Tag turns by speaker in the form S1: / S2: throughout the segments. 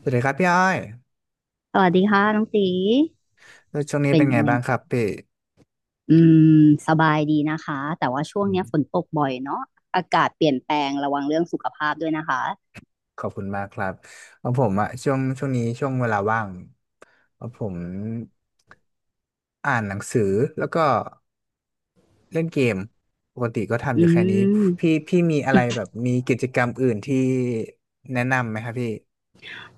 S1: สวัสดีครับพี่อ้อย
S2: สวัสดีค่ะน้องตี
S1: แล้วช่วงนี้
S2: เป็
S1: เป็
S2: น
S1: นไง
S2: ไง
S1: บ้างครับพี่
S2: อืมสบายดีนะคะแต่ว่าช่ว
S1: อื
S2: ง
S1: ม
S2: เนี้ยฝนตกบ่อยเนาะอากาศเปลี่ยนแปลงระวังเรื่องสุขภาพด้วยนะคะ
S1: ขอบคุณมากครับของผมอะช่วงนี้ช่วงเวลาว่างของผมอ่านหนังสือแล้วก็เล่นเกม ปกติก็ทำอ
S2: อื
S1: ยู่แค่นี้
S2: ม
S1: พี่มีอะไรแบบมีกิจกรรมอื่นที่แนะนำไหมครับพี่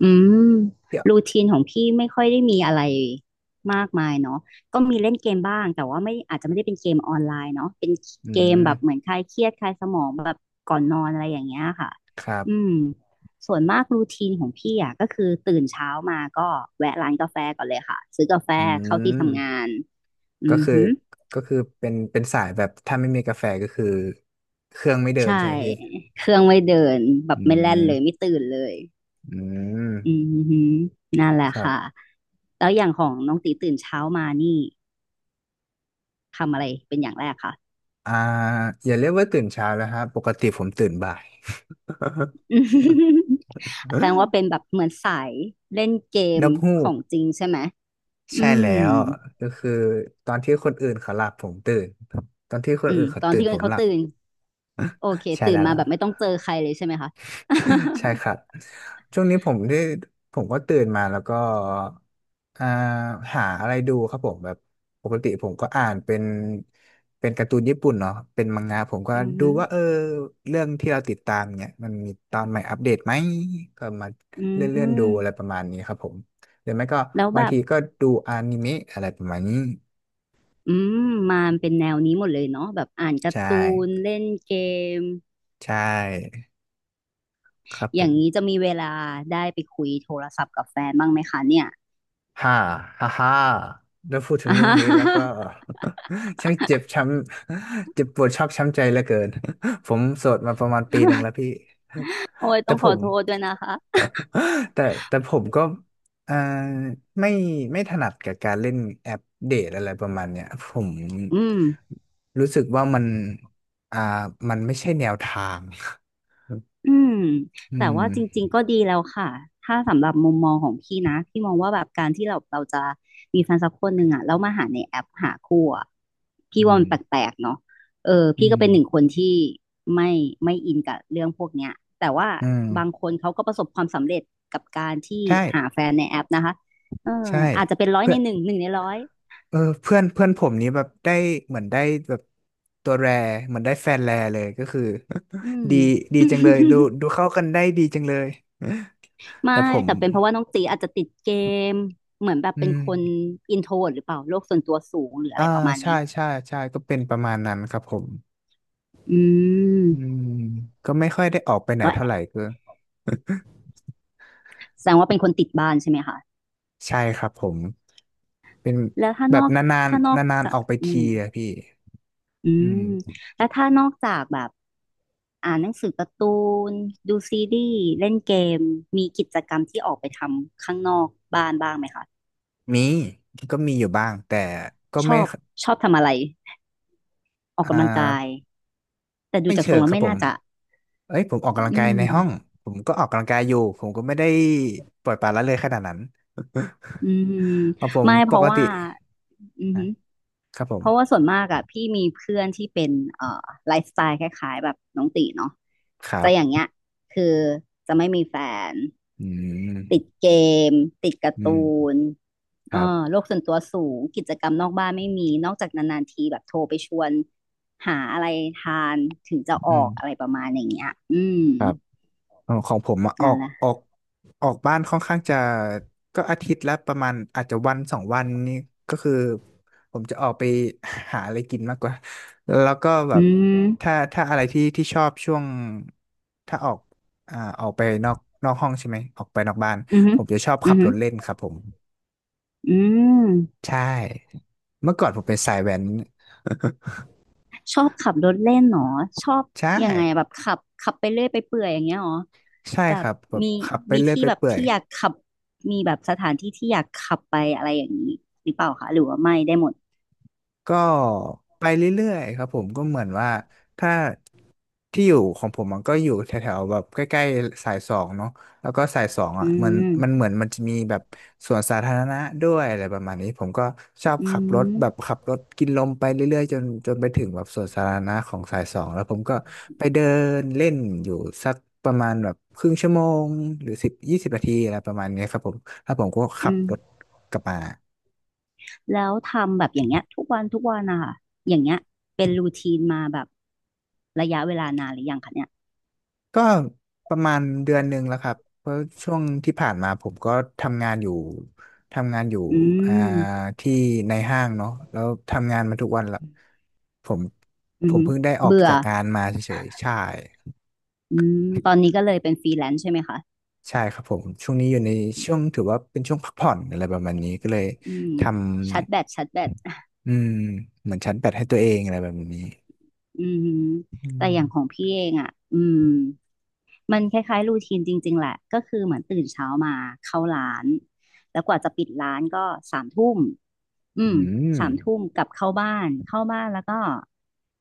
S2: อืม
S1: พี่อ
S2: รู
S1: อ
S2: ทีนของพี่ไม่ค่อยได้มีอะไรมากมายเนาะก็มีเล่นเกมบ้างแต่ว่าไม่อาจจะไม่ได้เป็นเกมออนไลน์เนาะเป็น
S1: อื
S2: เกมแบบเหมือน
S1: ม
S2: คลายเครียดคลายสมองแบบก่อนนอนอะไรอย่างเงี้ยค่ะ
S1: ครั
S2: อื
S1: บ
S2: มส่วนมากรูทีนของพี่อ่ะก็คือตื่นเช้ามาก็แวะร้านกาแฟก่อนเลยค่ะซื้อกาแฟ
S1: อื
S2: เข้าที่
S1: ม
S2: ทำงานอื
S1: ก็
S2: อ
S1: คือ
S2: หือ
S1: ก็คือเป็นสายแบบถ้าไม่มีกาแฟก็คือเครื่องไม่เดิน
S2: ใช่
S1: ใช่ไหมพี่
S2: เครื่องไม่เดินแบ
S1: อื
S2: บไม่แล่นเลยไม่
S1: ม
S2: ตื่นเลย
S1: อืม
S2: อือหือนั่นแหละ
S1: ครั
S2: ค่ะ
S1: บ
S2: แล้วอย่างของน้องตีตื่นเช้ามานี่ ทำอะไรเป็นอย่างแรกค่ะ
S1: อ่าอย่าเรียกว่าตื่นเช้าแล้วครับปกติผมตื่นบ่าย
S2: แสดงว่าเป็นแบบเหมือนสายเล่นเก
S1: น
S2: ม
S1: กฮู
S2: ข
S1: ก
S2: องจริงใช่ไหม
S1: ใช่
S2: อื
S1: แล้
S2: ม
S1: วก็คือตอนที่คนอื่นเขาหลับผมตื่นตอนที่ค
S2: อื
S1: นอื่
S2: ม
S1: นเขา
S2: ตอน
S1: ตื่น
S2: ที่
S1: ผม
S2: เขา
S1: หลับ
S2: ตื่นโอเค
S1: ใช่
S2: ตื่น
S1: แล้ว
S2: มา
S1: ล่ะ
S2: แบบไม่ต้องเจอใครเลยใช่ไหมคะ
S1: ใช่ครับ ช่วงนี้ผมก็ตื่นมาแล้วก็อ่าหาอะไรดูครับผมแบบปกติผมก็อ่านเป็นการ์ตูนญี่ปุ่นเนาะเป็นมังงะผมก็
S2: อือ
S1: ดู
S2: ฮึ
S1: ว่าเออเรื่องที่เราติดตามเนี่ยมันมีตอนใหม่อัปเดตไหมก็มา
S2: อื
S1: เลื่อนดูอะไร
S2: ม
S1: ประมาณนี้ครับผมหรือไม่ก็
S2: แล้ว
S1: บา
S2: แบ
S1: ง
S2: บ
S1: ทีก็ดูอนิเมะอะไรประมาณนี้
S2: อืมมาเป็นแนวนี้หมดเลยเนาะแบบอ่านการ์
S1: ใช่
S2: ตูนเล่นเกม
S1: ใช่ครับ
S2: อ
S1: ผ
S2: ย่าง
S1: ม
S2: นี้จะมีเวลาได้ไปคุยโทรศัพท์กับแฟนบ้างไหมคะเนี่ย
S1: ฮ่าฮ่าฮ่าแล้วพูดถึงเรื่องนี้แล้วก็ ช่างเจ็บช้ำเจ็บปวดชอกช้ำใจเหลือเกินผมโสดมาประมาณปีหนึ่งแล้วพี่
S2: โอ้ย
S1: แต่
S2: ต้อง
S1: ผ
S2: ขอ
S1: ม
S2: โทษด้วยนะคะ
S1: แต่แต่ผมก็เอ่อไม่ไม่ถนัดกับการเล่นแอปเดทอะไรประมาณเนี้ยผม
S2: อืม
S1: รู้สึกว่ามันอ่ามันไม่ใช่แนวทาง
S2: อืม
S1: อื
S2: แต่
S1: ม
S2: ว่าจริงๆก็ดีแล้วค่ะถ้าสำหรับมุมมองของพี่นะพี่มองว่าแบบการที่เราจะมีแฟนสักคนหนึ่งอ่ะแล้วมาหาในแอปหาคู่อ่ะ
S1: อื
S2: พี่ว่ามั
S1: ม
S2: นแปลกๆเนาะเออ
S1: อื
S2: พี่ก็เป็นหนึ่งค
S1: ม
S2: นที่ไม่ไม่อินกับเรื่องพวกเนี้ยแต่ว่า
S1: อื
S2: บาง
S1: ม
S2: คนเขาก็ประสบความสำเร็จกับการที่
S1: ใช่
S2: หาแฟนในแอปนะคะเออ
S1: ใช่
S2: อาจจะเป็นร้อย
S1: เพื่
S2: ใน
S1: อน
S2: หนึ่งหนึ่งในร้อย
S1: เออเพื่อนเพื่อนผมนี้แบบได้เหมือนได้แบบตัวแรเหมือนได้แฟนแรเลยก็คือ
S2: อืม
S1: ดีดีจังเลยดูเข้ากันได้ดีจังเลย
S2: ไม่
S1: แต่ผม
S2: แต่เป็นเพราะว่าน้องตีอาจจะติดเกมเหมือนแบบเป็
S1: อื
S2: นคน
S1: ม
S2: อินโทรหรือเปล่าโลกส่วนตัวสูงหรืออะ
S1: อ่า
S2: ไรประมาณ
S1: ใช่
S2: นี้
S1: ใช่ใช่ก็เป็นประมาณนั้นครับผม
S2: อื
S1: อื
S2: ม
S1: มก็ไม่ค่อยได้ออกไปไหน
S2: ก็
S1: เท่าไหร่ก็
S2: แสดงว่าเป็นคนติดบ้านใช่ไหมคะ
S1: ใช่ครับผมเป็น
S2: แล้ว
S1: แบบนาน
S2: ถ้านอ
S1: ๆ
S2: ก
S1: นาน
S2: จา
S1: ๆอ
S2: ก
S1: อกไป
S2: อื
S1: ที
S2: ม
S1: อะพี่
S2: อื
S1: อื
S2: ม
S1: ม
S2: แล้วถ้านอกจากแบบอ่านหนังสือการ์ตูนดูซีรีส์เล่นเกมมีกิจกรรมที่ออกไปทำข้างนอกบ้านบ้างไหมคะ
S1: มีก็มีอยู่บ้างแต่ก็
S2: ชอ
S1: ไม่
S2: บชอบทำอะไรออ
S1: อ่
S2: กกำลังกาย
S1: า
S2: แต่ดู
S1: ไม่
S2: จาก
S1: เชิ
S2: ทรง
S1: ง
S2: แล้
S1: ค
S2: ว
S1: รับ
S2: ไม่
S1: ผ
S2: น่า
S1: ม
S2: จะ
S1: เอ้ยผมออกกำลัง
S2: อื
S1: กายในห้อง
S2: ม
S1: ผมก็ออกกำลังกายอยู่ผมก็ไม่ได้ปล่อยปละละเลยขนาดนั้น
S2: อืม
S1: เอาผม
S2: ไม่
S1: ป
S2: เพ
S1: ก
S2: ราะ
S1: ติ
S2: ว่าอือ
S1: อ่ะ
S2: หือ
S1: ครับผ
S2: เพ
S1: ม
S2: ราะว่าส่วนมากอะพี่มีเพื่อนที่เป็นเอ่อไลฟ์สไตล์คล้ายๆแบบน้องตีเนาะ
S1: ครั
S2: จะ
S1: บ
S2: อย่างเงี้ยคือจะไม่มีแฟน
S1: อื
S2: ติ
S1: ม
S2: ดเกมติดการ์
S1: อื
S2: ตู
S1: ม
S2: น
S1: ค
S2: เออ
S1: รับ
S2: โลกส่วนตัวสูงกิจกรรมนอกบ้านไม่มีนอกจากนานๆทีแบบโทรไปชวนหาอะไรทานถึงจะอ
S1: อื
S2: อ
S1: ม
S2: กอะไรประมาณอย่างเงี้ยอืม
S1: ครับ เออของผมอะ
S2: นั่นแหละ
S1: ออกบ้านค่อนข้างจะก็อาทิตย์ละประมาณอาจจะวันสองวันนี่ก็คือผมจะออกไปหาอะไรกินมากกว่าแล้วก็แบ
S2: อื
S1: บ
S2: ม
S1: ถ้าอะไรที่ชอบช่วงถ้าออกออกไปนอกห้องใช่ไหมออกไปนอกบ้าน
S2: อือหื
S1: ผ
S2: อ
S1: มจะชอบขั
S2: อื
S1: บ
S2: อหื
S1: ร
S2: อ
S1: ถเล่นครับผม
S2: อืม
S1: ใช่เมื่อก่อนผมเป็นสายแว้น
S2: ชอบขับรถเล่นเหรอชอบ
S1: ใช่
S2: ยังไงแบบขับขับไปเรื่อยไปเปื่อยอย่างเงี้ยเหรอ
S1: ใช่
S2: แบ
S1: ค
S2: บ
S1: รับแบบ
S2: มี
S1: ขับไป
S2: มี
S1: เรื่อย
S2: ที่
S1: ไป
S2: แบบ
S1: เปื่อย
S2: ที่อยากขับมีแบบสถานที่ที่อยากขับไปอะไรอย่างนี้หรือเปล่าคะหรือว่าไม่ได้หมด
S1: ก็ไปเรื่อยๆครับผมก็เหมือนว่าถ้าที่อยู่ของผมมันก็อยู่แถวๆแบบใกล้ๆสายสองเนาะแล้วก็สายสอง
S2: อื
S1: อ่ะมันมัน
S2: ม
S1: เหมือนมันจะมีแบบสวนสาธารณะด้วยอะไรประมาณนี้ผมก็ชอบ
S2: อื
S1: ขับรถ
S2: ม
S1: แบบขับรถกินลมไปเรื่อยๆจนไปถึงแบบสวนสาธารณะของสายสองแล้วผมก็ไปเดินเล่นอยู่สักประมาณแบบครึ่งชั่วโมงหรือสิบยี่สิบนาทีอะไรประมาณนี้ครับผมแล้วผมก็ขับ
S2: อืม
S1: รถกลับมา
S2: แล้วทำแบบอย่างเงี้ยทุกวันทุกวันนะคะอย่างเงี้ยเป็นรูทีนมาแบบระยะเวลานานหรือยังคะเนี่ย
S1: ก็ประมาณเดือนหนึ่งแล้วครับเพราะช่วงที่ผ่านมาผมก็ทำงานอยู่ทำงานอยู่
S2: อื
S1: อ่า
S2: ม
S1: ที่ในห้างเนาะแล้วทำงานมาทุกวันละผม
S2: อื
S1: ผ
S2: ม
S1: มเพิ่งได้ออก
S2: เบื่อ
S1: จากงานมาเฉยๆใช่
S2: อืมตอนนี้ก็เลยเป็นฟรีแลนซ์ใช่ไหมคะ
S1: ใช่ครับผมช่วงนี้อยู่ในช่วงถือว่าเป็นช่วงพักผ่อนอะไรประมาณนี้ก็เลย
S2: อืม
S1: ท
S2: ชัดแบตชัดแบต
S1: ำอืมเหมือนชั้นแปดให้ตัวเองอะไรแบบนี้
S2: อืมฮึ
S1: อื
S2: แต่อย่างของ
S1: ม
S2: พี่เองอ่ะอืมมันคล้ายๆรูทีนจริงๆแหละก็คือเหมือนตื่นเช้ามาเข้าร้านแล้วกว่าจะปิดร้านก็สามทุ่มอื
S1: อื
S2: ม
S1: ม
S2: สามทุ่มกลับเข้าบ้านเข้าบ้านแล้วก็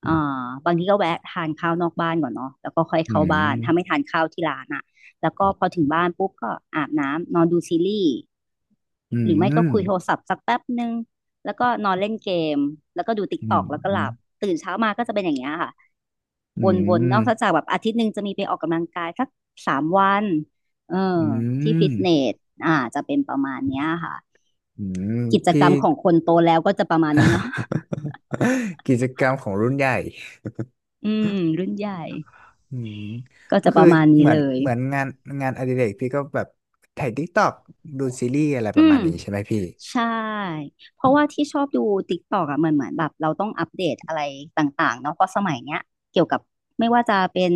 S2: เอ่อบางทีก็แวะทานข้าวนอกบ้านก่อนเนาะแล้วก็ค่อย
S1: อื
S2: เข้าบ้านถ้าไม่
S1: ม
S2: ทานข้าวที่ร้านอ่ะแล้วก็พอถึงบ้านปุ๊บก็อาบน้ำนอนดูซีรีส์
S1: อื
S2: หรือไม่ก็คุยโท
S1: ม
S2: รศัพท์สักแป๊บนึง แล้วก็นอนเล่นเกมแล้วก็ดูติ๊ก
S1: อื
S2: ตอ
S1: ม
S2: กแล้วก็
S1: อื
S2: ห
S1: ม
S2: ลับตื่นเช้ามาก็จะเป็นอย่างเงี้ยค่ะ
S1: อื
S2: วนๆ
S1: ม
S2: นอกจากแบบอาทิตย์หนึ่งจะมีไปออกกำลังกายสักสามวันเออ
S1: อื
S2: ที่ฟิ
S1: ม
S2: ตเนสอ่าจะเป็นประมาณเนี้ยค่ะ
S1: อืม
S2: กิจ
S1: พี่
S2: กรรมของคนโตแล้วก็จะประมาณนี้เนาะ
S1: กิจกรรมของรุ่นใหญ่
S2: อืมรุ่นใหญ่
S1: อืม
S2: ก็
S1: ก็
S2: จะป
S1: คือ
S2: ระมาณนี้
S1: เหมือน
S2: เลย
S1: เหมือนงานอดิเรกพี่ก็แบบถ่ายดิกตอกดูซีรีส์อะไรป
S2: อื
S1: ระมา
S2: ม
S1: ณนี้ใช่ไหมพี่
S2: ใช่เพราะว่าที่ชอบดู TikTok อ่ะมันเหมือนแบบเราต้องอัปเดตอะไรต่างๆเนาะเพราะสมัยเนี้ยเกี่ยวกับไม่ว่าจะเป็น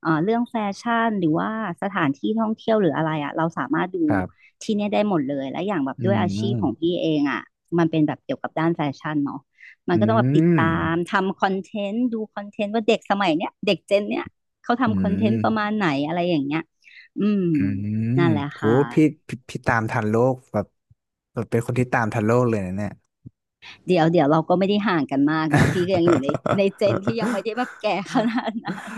S2: เรื่องแฟชั่นหรือว่าสถานที่ท่องเที่ยวหรืออะไรอ่ะเราสามารถดู
S1: ครับ
S2: ที่เนี่ยได้หมดเลยและอย่างแบบ
S1: อื
S2: ด้วยอาชีพของ
S1: ม
S2: พี่เองอ่ะมันเป็นแบบเกี่ยวกับด้านแฟชั่นเนาะมัน
S1: อื
S2: ก็ต้องแบบติดตา
S1: ม
S2: มทำคอนเทนต์ดูคอนเทนต์ว่าเด็กสมัยเนี้ยเด็กเจนเนี้ยเขา
S1: อื
S2: ทำคอนเทนต์ประมาณ
S1: ม
S2: ไหนอะไรอย่างเงี้ยอืม
S1: อืม
S2: นั่นแหละ
S1: โห
S2: ค่ะ
S1: พี่พี่ตามทันโลกแบบแบบเป็นคนที่ตามทันโลกเลยนะเนี่ย
S2: เดี๋ยวเราก็ไม่ได้ห่างกันมากเนาะพี่ก็ยังอยู่ในเจนที่ยังไม่ได้แบบแก่ขนาดนั้น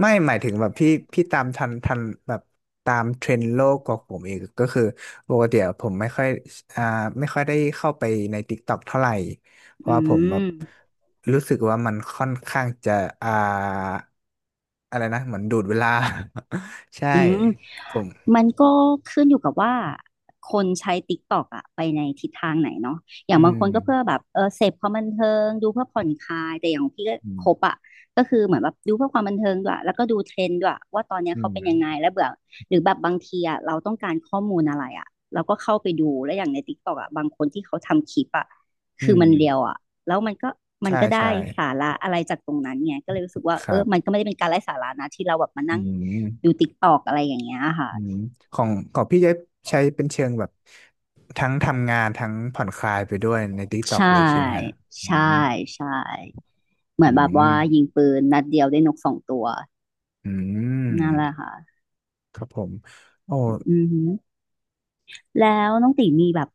S1: ไม่หมายถึงแบบพี่พี่ตามทันทันแบบตามเทรนด์โลกกว่าผมอีกก็คือปกติอะผมไม่ค่อยอ่าไม่ค่อยได้เข้าไปใน TikTok เท่าไหร่เพราะ
S2: อื
S1: ว่าผมแบบ
S2: ม
S1: รู้สึกว่ามันค่อนข้างจะอ่าอะไรนะเหมือนดูดเวลา ใช่
S2: อืม
S1: ผม
S2: มันขึ้นอยู่กับว่าคนใช้ TikTok อะไปในทิศทางไหนเนาะอย่า
S1: อื
S2: งบางค
S1: ม
S2: นก็เพื่อแบบเสพความบันเทิงดูเพื่อผ่อนคลายแต่อย่างพี่ก็
S1: อื
S2: คบ
S1: ม
S2: อะก็คือเหมือนแบบดูเพื่อความบันเทิงด้วยแล้วก็ดูเทรนด์ด้วยว่าตอนเนี้ย
S1: อื
S2: เขา
S1: ม
S2: เป็นยังไงแล้วเบื่อหรือแบบบางทีอะเราต้องการข้อมูลอะไรอะเราก็เข้าไปดูแล้วอย่างใน TikTok อะบางคนที่เขาทำคลิปอะ
S1: อื
S2: คือ
S1: ม
S2: มันเรียวอะแล้วมันก็มัน
S1: ใช่
S2: ก็ได้
S1: ใช่
S2: สาระอะไรจากตรงนั้นไงก็เลยรู้สึกว่า
S1: ค
S2: เอ
S1: รั
S2: อมันก็
S1: บ
S2: ไม่ได้เป็นการไร้สาระนะที่เราแบบมา
S1: อื
S2: นั่ง
S1: ม
S2: ดูติกตอกอะไรอย่างเงี้ยค่ะ
S1: อืมของของพี่จะใช้เป็นเชิงแบบทั้งทำงานทั้งผ่อนคลายไปด้วยใน TikTok
S2: ใช่
S1: เลยใช่ไหมฮะอื
S2: ใช่
S1: ม
S2: ใช่เหมือ
S1: อื
S2: นแบบ
S1: ม
S2: ว่ายิงปืนนัดเดียวได้นกสองตัว
S1: อื
S2: นั่นแหละ
S1: ม
S2: ค่ะ
S1: ครับผมโอ้
S2: อือหือแล้วน้องตีมีแบบ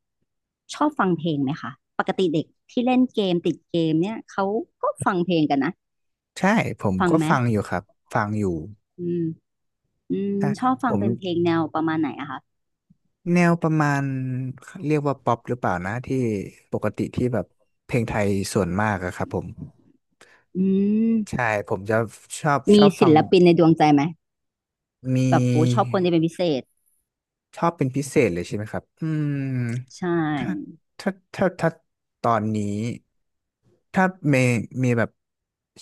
S2: ชอบฟังเพลงไหมคะปกติเด็กที่เล่นเกมติดเกมเนี่ยเขาก็ฟังเพลงกันนะ
S1: ใช่ผม
S2: ฟัง
S1: ก็
S2: ไหม
S1: ฟังอยู่ครับฟังอยู่
S2: อืมอืม
S1: อ่ะ
S2: ชอบฟั
S1: ผ
S2: ง
S1: ม
S2: เป็นเพลงแนวประมาณไหนอะคะ
S1: แนวประมาณเรียกว่าป๊อปหรือเปล่านะที่ปกติที่แบบเพลงไทยส่วนมากอะครับผม
S2: อื
S1: ใช่
S2: ม
S1: ผมจะชอบช
S2: มี
S1: อบฟั
S2: ศิ
S1: ง
S2: ลปินในดวงใจไหม
S1: มี
S2: แบบโอ้ชอบคนที่เป็นพิเศษ
S1: ชอบเป็นพิเศษเลยใช่ไหมครับ อืม
S2: ใช่
S1: ถ้าถ้าถ้าตอนนี้ ถ้าเมย์แบบ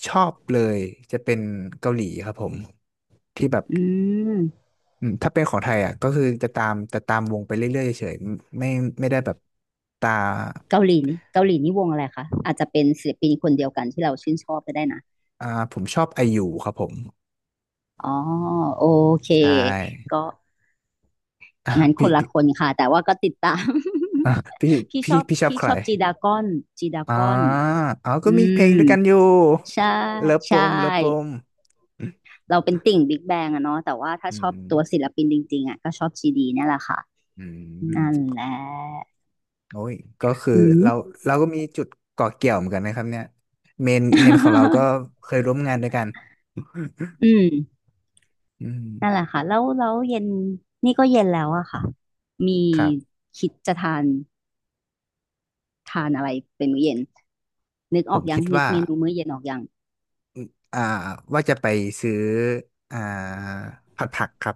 S1: ชอบเลย จะเป็นเกาหลีครับผม ที่แบบ
S2: อืม
S1: อืมถ้าเป็นของไทยอ่ะก็คือจะตามจะตามวงไปเรื่อยๆเฉยๆไม่ไม่ได้แบบ ตา
S2: เกาหลีนี่วงอะไรคะอาจจะเป็นศิลปินคนเดียวกันที่เราชื่นชอบก็ได้นะ
S1: อ่าผมชอบไอยูครับผม
S2: อ๋อโอเค
S1: ใช่
S2: ก็
S1: อ่ะ
S2: งั้นค
S1: พี่
S2: นละ
S1: พี่
S2: คนค่ะแต่ว่าก็ติดตาม
S1: อ่ะพี่
S2: พี่ช
S1: พี่
S2: อบ
S1: พี่ชอบ
S2: พี่
S1: ใค
S2: ช
S1: ร
S2: อบจีดากอนจีดา
S1: อ่า
S2: กอน
S1: อ๋อก็
S2: อื
S1: มีเพลงด้
S2: ม
S1: วยกันอยู่
S2: ใช่
S1: เลิฟ
S2: ใช
S1: ปมเลิฟป
S2: ่
S1: ม
S2: เราเป็นติ่งบิ๊กแบงอะเนาะแต่ว่าถ้า
S1: อื
S2: ชอบตัวศิ
S1: ม
S2: ลปินจริงๆอะก็ชอบจีดีนั่นแหละค่ะ
S1: อืมอืม
S2: นั่นแหละ
S1: โอ้ยก็คือ
S2: อืม
S1: เราเรามีจุดเกาะเกี่ยวเหมือนกันนะครับเนี่ยเมนของเราก็ เคยร่วมงานด้วยกัน
S2: อืม
S1: อืม
S2: นั่นแหละค่ะแล้วเย็นนี่ก็เย็นแล้วอะค่ะมี
S1: ครับ
S2: คิดจะทานอะไรเป็นมื้อเย็นนึก
S1: ผ
S2: ออ
S1: ม
S2: กยั
S1: คิ
S2: ง
S1: ด
S2: นึก
S1: ว่า
S2: เมนูมื้อเย็นออกยัง
S1: อ่าว่าจะไปซื้ออ่าผัดผักครับ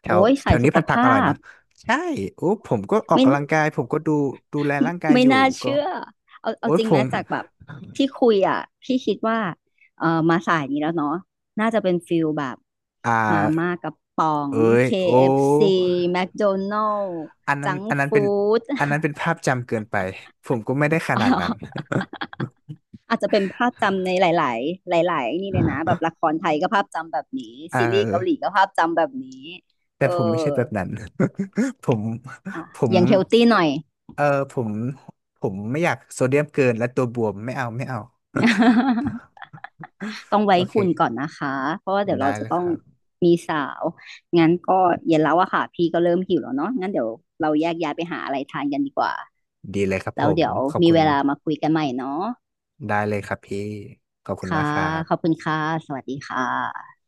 S1: แถ
S2: โอ้
S1: ว
S2: ย
S1: แถ
S2: สาย
S1: ว
S2: สุ
S1: นี้
S2: ข
S1: ผัดผัก
S2: ภา
S1: อร่อย
S2: พ
S1: นะใช่โอ้ผมก็ออก
S2: ไม่
S1: กำลังกายผมก็ดูแลร่างกาย
S2: ไม่
S1: อยู่
S2: น่า
S1: ก็
S2: เชื่อเอา
S1: โอ้ย
S2: จริง
S1: ผ
S2: ไหม
S1: ม
S2: จากแบบที่คุยอ่ะพี่คิดว่าเออมาสายนี้แล้วเนาะน่าจะเป็นฟิลแบบ
S1: อ่
S2: มาม่า
S1: า
S2: กระป๋อง
S1: เอ้ยโอ้
S2: KFC แม d o n น l ล s
S1: อันนั้น
S2: จัง
S1: อันนั้นเป็
S2: ฟู
S1: น
S2: ้ด
S1: อันนั้นเป็นภาพจำเกินไปผมก็ไม่ได้ข
S2: อ๋อ
S1: นาดนั้น
S2: อาจจะเป็นภาพจำในหลายๆหลายๆนี่เลยนะแบบละครไทยก็ภาพจำแบบนี้ซี
S1: เอ
S2: รี
S1: อ
S2: ส์เกาหลีก็ภาพจำแบบนี้
S1: แต่
S2: เออ
S1: ผมไม่ใช่แบบนั้น ผมผม
S2: ยังเฮลตี้หน่อย
S1: เออผมผมไม่อยากโซเดียมเกินและตัวบวมไม่เอาไม่เอา
S2: ต้องไว้
S1: โอ
S2: หุ่นก่อน
S1: เค
S2: นะคะ เพราะว่าเดี๋ยวเรา
S1: ได้
S2: จะ
S1: เลย
S2: ต้อ
S1: ค
S2: ง
S1: รับ
S2: มีสาว งั้นก็เย็นแล้วอะค่ะ พี่ก็เริ่มหิวแล้วเนาะงั้นเดี๋ยวเราแยกย้ายไปหาอะไรทานกันดีกว่า
S1: ดีเลยครับผ
S2: แล้ว
S1: ม
S2: เดี๋ยว
S1: ขอบ
S2: มี
S1: คุ
S2: เว
S1: ณ
S2: ลามาคุยกันใหม่เนาะ
S1: ได้เลยครับพี่ขอบคุณ
S2: ค่ะ
S1: มากครั
S2: ขอบ
S1: บ
S2: คุณค่ะ สวัสดีค่ะ